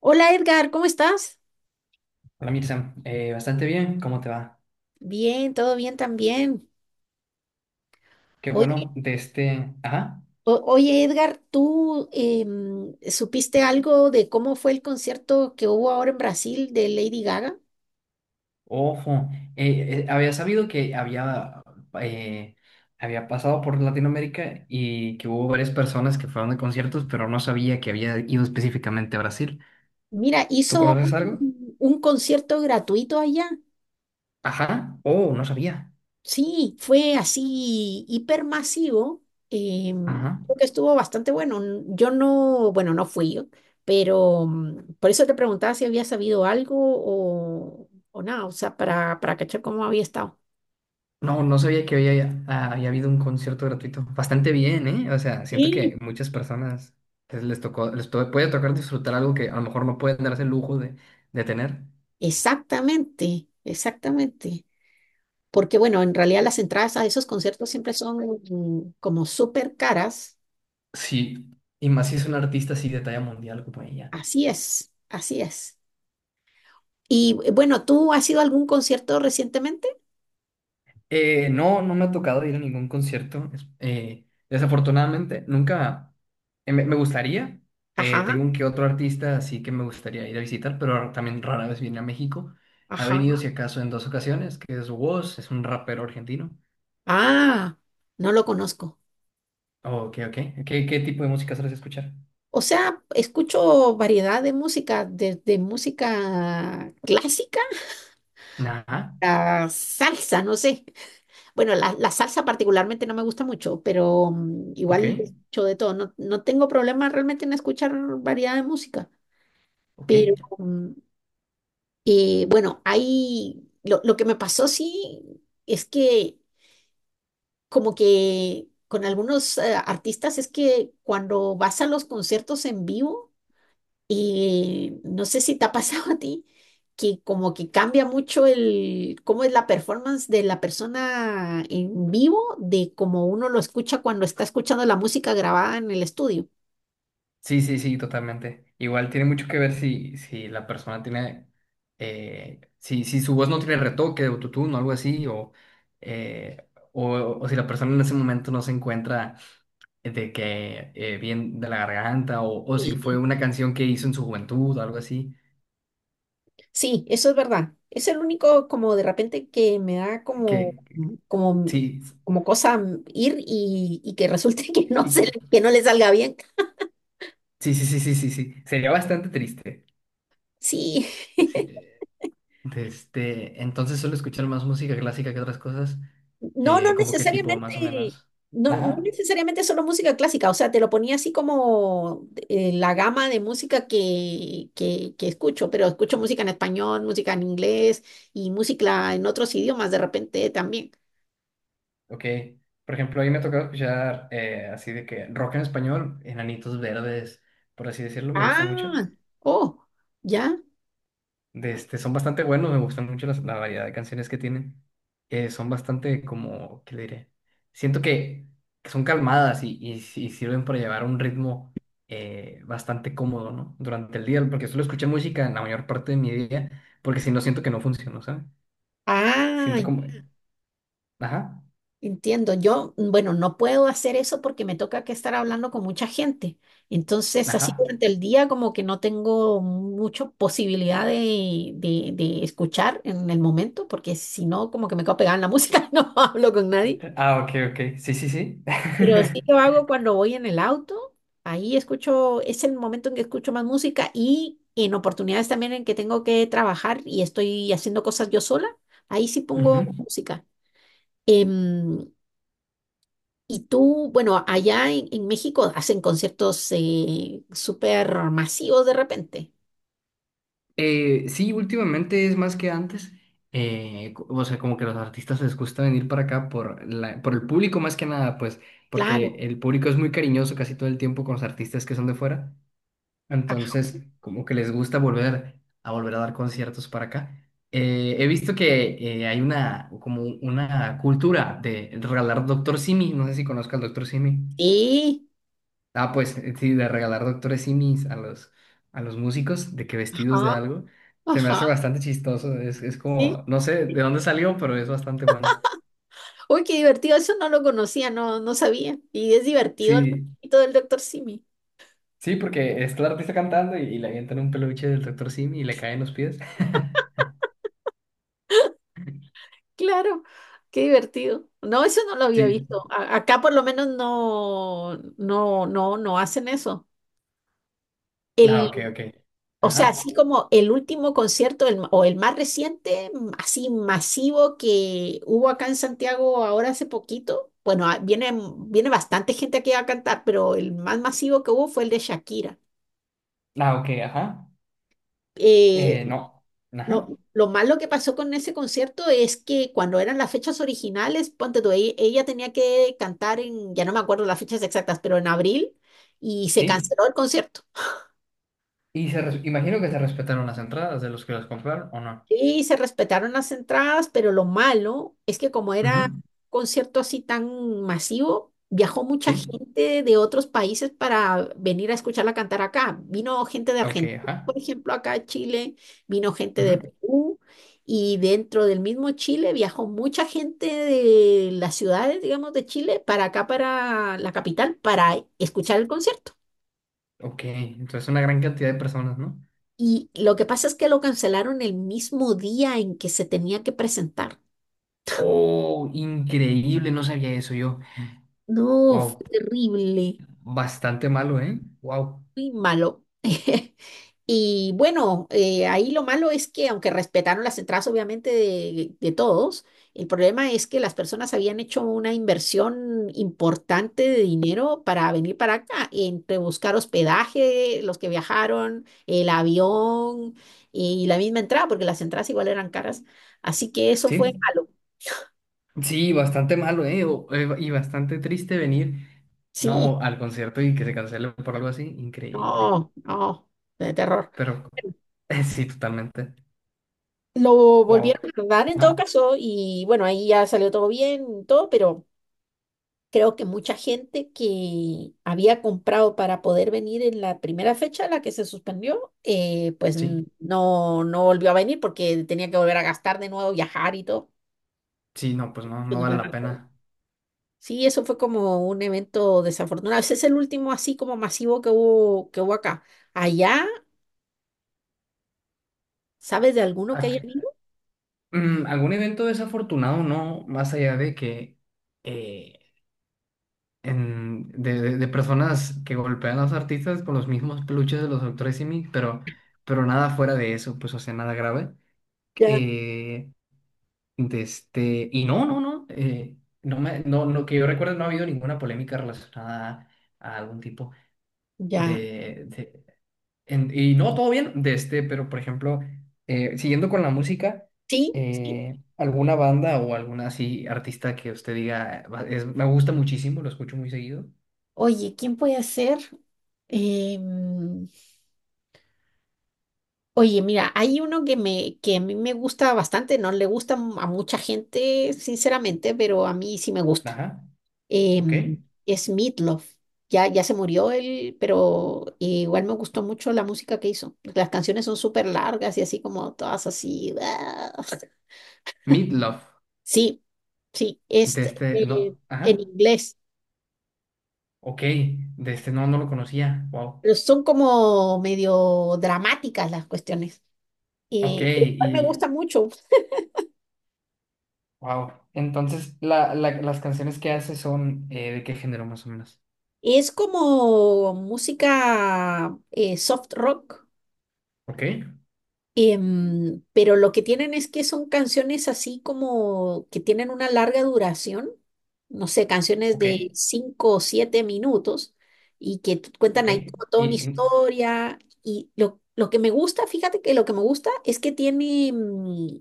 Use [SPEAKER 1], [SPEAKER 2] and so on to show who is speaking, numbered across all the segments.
[SPEAKER 1] Hola Edgar, ¿cómo estás?
[SPEAKER 2] Hola Mirza, bastante bien, ¿cómo te va?
[SPEAKER 1] Bien, todo bien también.
[SPEAKER 2] Qué
[SPEAKER 1] Oye,
[SPEAKER 2] bueno, de este, ajá,
[SPEAKER 1] Edgar, ¿tú supiste algo de cómo fue el concierto que hubo ahora en Brasil de Lady Gaga?
[SPEAKER 2] ojo, había sabido que eh, había pasado por Latinoamérica y que hubo varias personas que fueron a conciertos, pero no sabía que había ido específicamente a Brasil.
[SPEAKER 1] Mira,
[SPEAKER 2] ¿Tú
[SPEAKER 1] hizo
[SPEAKER 2] conoces algo?
[SPEAKER 1] un concierto gratuito allá.
[SPEAKER 2] Ajá, oh, no sabía,
[SPEAKER 1] Sí, fue así hipermasivo.
[SPEAKER 2] ajá,
[SPEAKER 1] Creo que estuvo bastante bueno. Yo no, bueno, no fui yo, pero por eso te preguntaba si había sabido algo o nada, o sea, para cachar cómo había estado.
[SPEAKER 2] no, no sabía que había habido un concierto gratuito, bastante bien, ¿eh? O sea, siento que
[SPEAKER 1] Sí,
[SPEAKER 2] muchas personas les tocó, puede tocar disfrutar algo que a lo mejor no pueden darse el lujo de tener.
[SPEAKER 1] exactamente, exactamente. Porque bueno, en realidad las entradas a esos conciertos siempre son como súper caras.
[SPEAKER 2] Sí, y más si es un artista así de talla mundial como ella.
[SPEAKER 1] Así es, así es. Y bueno, ¿tú has ido a algún concierto recientemente?
[SPEAKER 2] No, no me ha tocado ir a ningún concierto. Desafortunadamente, nunca. Me gustaría.
[SPEAKER 1] Ajá,
[SPEAKER 2] Tengo un que otro artista así que me gustaría ir a visitar, pero también rara vez viene a México. Ha
[SPEAKER 1] ajá.
[SPEAKER 2] venido, si acaso, en dos ocasiones, que es Woz, es un rapero argentino.
[SPEAKER 1] Ah, no lo conozco.
[SPEAKER 2] Oh, ok, ok. ¿Qué tipo de música sueles escuchar?
[SPEAKER 1] O sea, escucho variedad de música, desde música clásica
[SPEAKER 2] Ajá,
[SPEAKER 1] a salsa, no sé. Bueno, la salsa particularmente no me gusta mucho, pero
[SPEAKER 2] ok,
[SPEAKER 1] igual escucho de todo. No, no tengo problema realmente en escuchar variedad de música,
[SPEAKER 2] ok.
[SPEAKER 1] pero bueno, lo que me pasó sí es que como que con algunos artistas es que cuando vas a los conciertos en vivo, y no sé si te ha pasado a ti que como que cambia mucho el cómo es la performance de la persona en vivo de cómo uno lo escucha cuando está escuchando la música grabada en el estudio.
[SPEAKER 2] Sí, sí, sí, totalmente. Igual tiene mucho que ver si, la persona tiene, si su voz no tiene retoque de autotune o algo así, eh, o, o, si la persona en ese momento no se encuentra de que bien de la garganta, o si
[SPEAKER 1] Sí,
[SPEAKER 2] fue una canción que hizo en su juventud o algo así,
[SPEAKER 1] sí, eso es verdad. Es el único como de repente que me da como
[SPEAKER 2] que
[SPEAKER 1] como
[SPEAKER 2] sí,
[SPEAKER 1] como cosa ir y que resulte que no se,
[SPEAKER 2] y-
[SPEAKER 1] que no le salga bien.
[SPEAKER 2] sí, sí, sí, sí, sí, sí, sería bastante triste.
[SPEAKER 1] Sí.
[SPEAKER 2] Sí, este, entonces suelo escuchar más música clásica que otras cosas,
[SPEAKER 1] No, no
[SPEAKER 2] como que tipo, más o
[SPEAKER 1] necesariamente,
[SPEAKER 2] menos.
[SPEAKER 1] no, no
[SPEAKER 2] Ajá.
[SPEAKER 1] necesariamente solo música clásica, o sea, te lo ponía así como la gama de música que escucho, pero escucho música en español, música en inglés y música en otros idiomas de repente también.
[SPEAKER 2] Ok, por ejemplo, ahí me ha escuchar así de que rock en español, Enanitos Verdes, por así decirlo, me gusta mucho.
[SPEAKER 1] Ah, oh, ya.
[SPEAKER 2] De este, son bastante buenos, me gustan mucho la variedad de canciones que tienen. Son bastante como, ¿qué le diré? Siento que son calmadas y sirven para llevar un ritmo bastante cómodo, ¿no? Durante el día, porque suelo escuchar música en la mayor parte de mi día, porque si no siento que no funciono, ¿sabes?
[SPEAKER 1] Ah,
[SPEAKER 2] Siento como... Ajá,
[SPEAKER 1] entiendo, yo, bueno, no puedo hacer eso porque me toca que estar hablando con mucha gente. Entonces, así
[SPEAKER 2] ajá.
[SPEAKER 1] durante el día como que no tengo mucha posibilidad de, de escuchar en el momento, porque si no, como que me quedo pegada en la música y no hablo con nadie.
[SPEAKER 2] Ah, ok, ok, sí, sí, sí.
[SPEAKER 1] Pero sí lo hago cuando voy en el auto, ahí escucho, es el momento en que escucho más música y en oportunidades también en que tengo que trabajar y estoy haciendo cosas yo sola, ahí sí
[SPEAKER 2] Ujú.
[SPEAKER 1] pongo música. Em, Y tú, bueno, allá en México hacen conciertos súper masivos de repente.
[SPEAKER 2] Sí, últimamente es más que antes. O sea, como que los artistas les gusta venir para acá por por el público más que nada, pues, porque
[SPEAKER 1] Claro.
[SPEAKER 2] el público es muy cariñoso casi todo el tiempo con los artistas que son de fuera.
[SPEAKER 1] Ajá.
[SPEAKER 2] Entonces, como que les gusta volver a dar conciertos para acá. He visto que hay una como una cultura de regalar Doctor Simi. No sé si conozcas al Doctor Simi.
[SPEAKER 1] Sí.
[SPEAKER 2] Ah, pues sí, de regalar doctores simis a los músicos, de que vestidos de
[SPEAKER 1] Ajá.
[SPEAKER 2] algo, se me
[SPEAKER 1] Ajá.
[SPEAKER 2] hace bastante chistoso. Es
[SPEAKER 1] Sí.
[SPEAKER 2] como, no sé de dónde salió, pero es bastante bueno.
[SPEAKER 1] Uy, qué divertido. Eso no lo conocía, no, no sabía. Y es divertido
[SPEAKER 2] Sí,
[SPEAKER 1] el todo del doctor Simi.
[SPEAKER 2] sí, porque está el artista cantando y le avientan un peluche del doctor simi y le caen los pies.
[SPEAKER 1] Claro. Qué divertido. No, eso no lo había
[SPEAKER 2] Sí,
[SPEAKER 1] visto. Acá por lo menos no, no, no, no hacen eso.
[SPEAKER 2] ah, ok, ok.
[SPEAKER 1] O sea,
[SPEAKER 2] Ajá,
[SPEAKER 1] así como el último concierto o el más reciente, así masivo que hubo acá en Santiago ahora hace poquito. Bueno, ah, viene, viene bastante gente aquí a cantar, pero el más masivo que hubo fue el de Shakira.
[SPEAKER 2] ah, ok, ajá.
[SPEAKER 1] Eh,
[SPEAKER 2] No, ajá,
[SPEAKER 1] lo malo que pasó con ese concierto es que cuando eran las fechas originales, ponte tú, ella tenía que cantar en, ya no me acuerdo las fechas exactas, pero en abril y se
[SPEAKER 2] sí.
[SPEAKER 1] canceló el concierto.
[SPEAKER 2] Imagino que se respetaron las entradas de los que las compraron, ¿o no?
[SPEAKER 1] Sí, se respetaron las entradas, pero lo malo es que como era
[SPEAKER 2] Ujú,
[SPEAKER 1] un concierto así tan masivo, viajó mucha
[SPEAKER 2] sí,
[SPEAKER 1] gente de otros países para venir a escucharla cantar acá. Vino gente de
[SPEAKER 2] ok,
[SPEAKER 1] Argentina, por
[SPEAKER 2] ajá.
[SPEAKER 1] ejemplo, acá a Chile, vino gente de
[SPEAKER 2] Ujú.
[SPEAKER 1] Perú y dentro del mismo Chile viajó mucha gente de las ciudades, digamos, de Chile para acá, para la capital, para escuchar el concierto.
[SPEAKER 2] Ok, entonces una gran cantidad de personas, ¿no?
[SPEAKER 1] Y lo que pasa es que lo cancelaron el mismo día en que se tenía que presentar.
[SPEAKER 2] Oh, increíble, no sabía eso yo.
[SPEAKER 1] No,
[SPEAKER 2] Wow,
[SPEAKER 1] fue terrible,
[SPEAKER 2] bastante malo, ¿eh? Wow,
[SPEAKER 1] muy malo. Y bueno, ahí lo malo es que aunque respetaron las entradas obviamente de todos, el problema es que las personas habían hecho una inversión importante de dinero para venir para acá, entre buscar hospedaje, los que viajaron, el avión y la misma entrada, porque las entradas igual eran caras. Así que eso fue
[SPEAKER 2] sí,
[SPEAKER 1] malo.
[SPEAKER 2] sí, bastante malo, ¿eh? Y bastante triste venir,
[SPEAKER 1] Sí,
[SPEAKER 2] no, al concierto y que se cancele por algo así, increíble.
[SPEAKER 1] no, no, de terror.
[SPEAKER 2] Pero sí, totalmente.
[SPEAKER 1] Lo
[SPEAKER 2] Wow,
[SPEAKER 1] volvieron a dar en todo
[SPEAKER 2] ah,
[SPEAKER 1] caso y bueno, ahí ya salió todo bien, todo, pero creo que mucha gente que había comprado para poder venir en la primera fecha, la que se suspendió, pues
[SPEAKER 2] sí,
[SPEAKER 1] no volvió a venir porque tenía que volver a gastar de nuevo, viajar y todo.
[SPEAKER 2] sí, no, pues no,
[SPEAKER 1] Yo
[SPEAKER 2] no
[SPEAKER 1] no
[SPEAKER 2] vale
[SPEAKER 1] me
[SPEAKER 2] la
[SPEAKER 1] recuerdo.
[SPEAKER 2] pena.
[SPEAKER 1] Sí, eso fue como un evento desafortunado. Ese es el último así como masivo que hubo acá. Allá, ¿sabes de alguno que haya
[SPEAKER 2] Ac-
[SPEAKER 1] habido?
[SPEAKER 2] ¿Algún evento desafortunado, no? Más allá de que eh, de personas que golpean a los artistas con los mismos peluches de los doctores Simi, pero nada fuera de eso, pues, o sea, nada grave.
[SPEAKER 1] Ya,
[SPEAKER 2] Eh, de este, y no, no, no, no, me, no, no, que yo recuerdo no ha habido ninguna polémica relacionada a algún tipo
[SPEAKER 1] ya.
[SPEAKER 2] de, de- y no, todo bien, de este, pero por ejemplo, siguiendo con la música,
[SPEAKER 1] Sí, sí.
[SPEAKER 2] alguna banda o alguna así artista que usted diga, Me gusta muchísimo, lo escucho muy seguido".
[SPEAKER 1] Oye, ¿quién puede ser? Em, oye, mira, hay uno que a mí me gusta bastante, no le gusta a mucha gente, sinceramente, pero a mí sí me gusta.
[SPEAKER 2] Ajá, ok.
[SPEAKER 1] Em, es Meatloaf. Ya, ya se murió él, pero igual me gustó mucho la música que hizo. Las canciones son súper largas y así como todas así.
[SPEAKER 2] Meatloaf,
[SPEAKER 1] Sí, sí, es
[SPEAKER 2] de este,
[SPEAKER 1] eh,
[SPEAKER 2] no,
[SPEAKER 1] en
[SPEAKER 2] ajá,
[SPEAKER 1] inglés,
[SPEAKER 2] ok, de este no, no lo conocía, wow,
[SPEAKER 1] pero son como medio dramáticas las cuestiones.
[SPEAKER 2] ok,
[SPEAKER 1] Pero igual me
[SPEAKER 2] y,
[SPEAKER 1] gusta mucho.
[SPEAKER 2] wow. Entonces, la- las canciones que hace son de qué género más o menos.
[SPEAKER 1] Es como música soft rock,
[SPEAKER 2] Ok,
[SPEAKER 1] pero lo que tienen es que son canciones así como que tienen una larga duración, no sé, canciones
[SPEAKER 2] ok,
[SPEAKER 1] de 5 o 7 minutos y que cuentan
[SPEAKER 2] ok,
[SPEAKER 1] ahí como toda una
[SPEAKER 2] y, y-
[SPEAKER 1] historia. Y lo que me gusta, fíjate que lo que me gusta es que tiene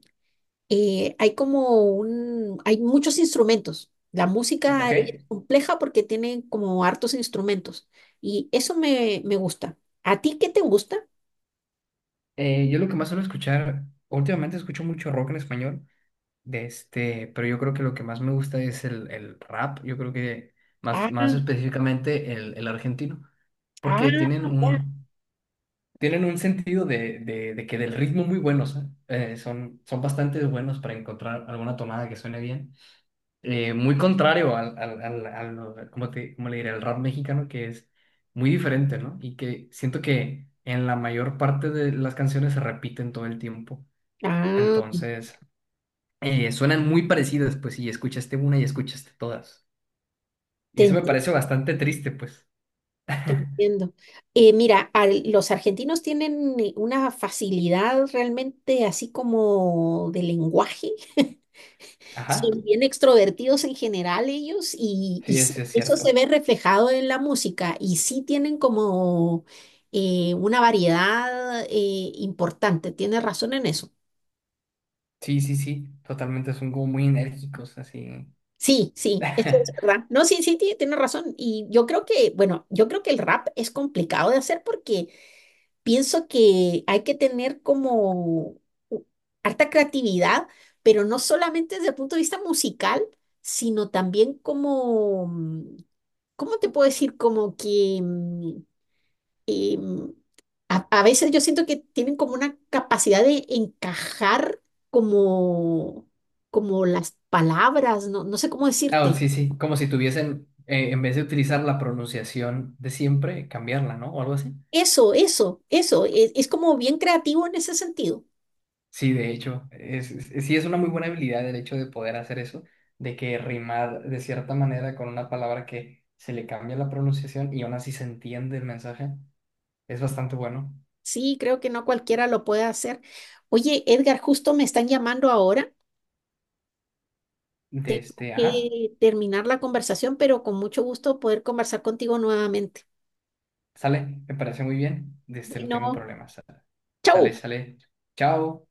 [SPEAKER 1] hay como un, hay muchos instrumentos. La música
[SPEAKER 2] ok.
[SPEAKER 1] es compleja porque tiene como hartos instrumentos y eso me, me gusta. ¿A ti qué te gusta?
[SPEAKER 2] Yo lo que más suelo escuchar, últimamente escucho mucho rock en español, de este, pero yo creo que lo que más me gusta es el rap, yo creo que más,
[SPEAKER 1] Ah,
[SPEAKER 2] más específicamente el argentino,
[SPEAKER 1] ah,
[SPEAKER 2] porque
[SPEAKER 1] ya.
[SPEAKER 2] tienen un sentido de que del ritmo muy buenos, ¿eh? Son bastante buenos para encontrar alguna tomada que suene bien. Muy contrario cómo le diré? El rap mexicano que es muy diferente, ¿no? Y que siento que en la mayor parte de las canciones se repiten todo el tiempo.
[SPEAKER 1] Ah,
[SPEAKER 2] Entonces, suenan muy parecidas, pues, y escuchaste una y escuchaste todas. Y
[SPEAKER 1] te
[SPEAKER 2] eso me
[SPEAKER 1] entiendo,
[SPEAKER 2] parece bastante triste, pues.
[SPEAKER 1] te entiendo. Mira, los argentinos tienen una facilidad realmente así como de lenguaje. Son
[SPEAKER 2] Ajá,
[SPEAKER 1] bien extrovertidos en general ellos y
[SPEAKER 2] sí,
[SPEAKER 1] sí,
[SPEAKER 2] eso es
[SPEAKER 1] eso se
[SPEAKER 2] cierto.
[SPEAKER 1] ve reflejado en la música y sí tienen como una variedad importante, tienes razón en eso.
[SPEAKER 2] Sí, sí, sí, totalmente, son como muy enérgicos, así.
[SPEAKER 1] Sí, sí, eso es verdad. No, sí, sí, tienes razón. Y yo creo que, bueno, yo creo que el rap es complicado de hacer porque pienso que hay que tener como u- harta creatividad, pero no solamente desde el punto de vista musical, sino también como... ¿cómo te puedo decir? Como que, que, mm, a veces yo siento que tienen como una capacidad de encajar como, como las palabras, no, no sé cómo
[SPEAKER 2] Ah,
[SPEAKER 1] decirte.
[SPEAKER 2] sí, sí, como si tuviesen, en vez de utilizar la pronunciación de siempre, cambiarla, ¿no? O algo así.
[SPEAKER 1] Eso, es como bien creativo en ese sentido.
[SPEAKER 2] Sí, de hecho, sí es una muy buena habilidad el hecho de poder hacer eso, de que rimar de cierta manera con una palabra que se le cambia la pronunciación y aún así se entiende el mensaje, es bastante bueno.
[SPEAKER 1] Sí, creo que no cualquiera lo puede hacer. Oye, Edgar, justo me están llamando ahora.
[SPEAKER 2] De
[SPEAKER 1] Tengo
[SPEAKER 2] este, ajá,
[SPEAKER 1] que terminar la conversación, pero con mucho gusto poder conversar contigo nuevamente.
[SPEAKER 2] sale, me parece muy bien, de este, no tengo
[SPEAKER 1] Bueno,
[SPEAKER 2] problemas, sale, sale,
[SPEAKER 1] chau.
[SPEAKER 2] sale, chao.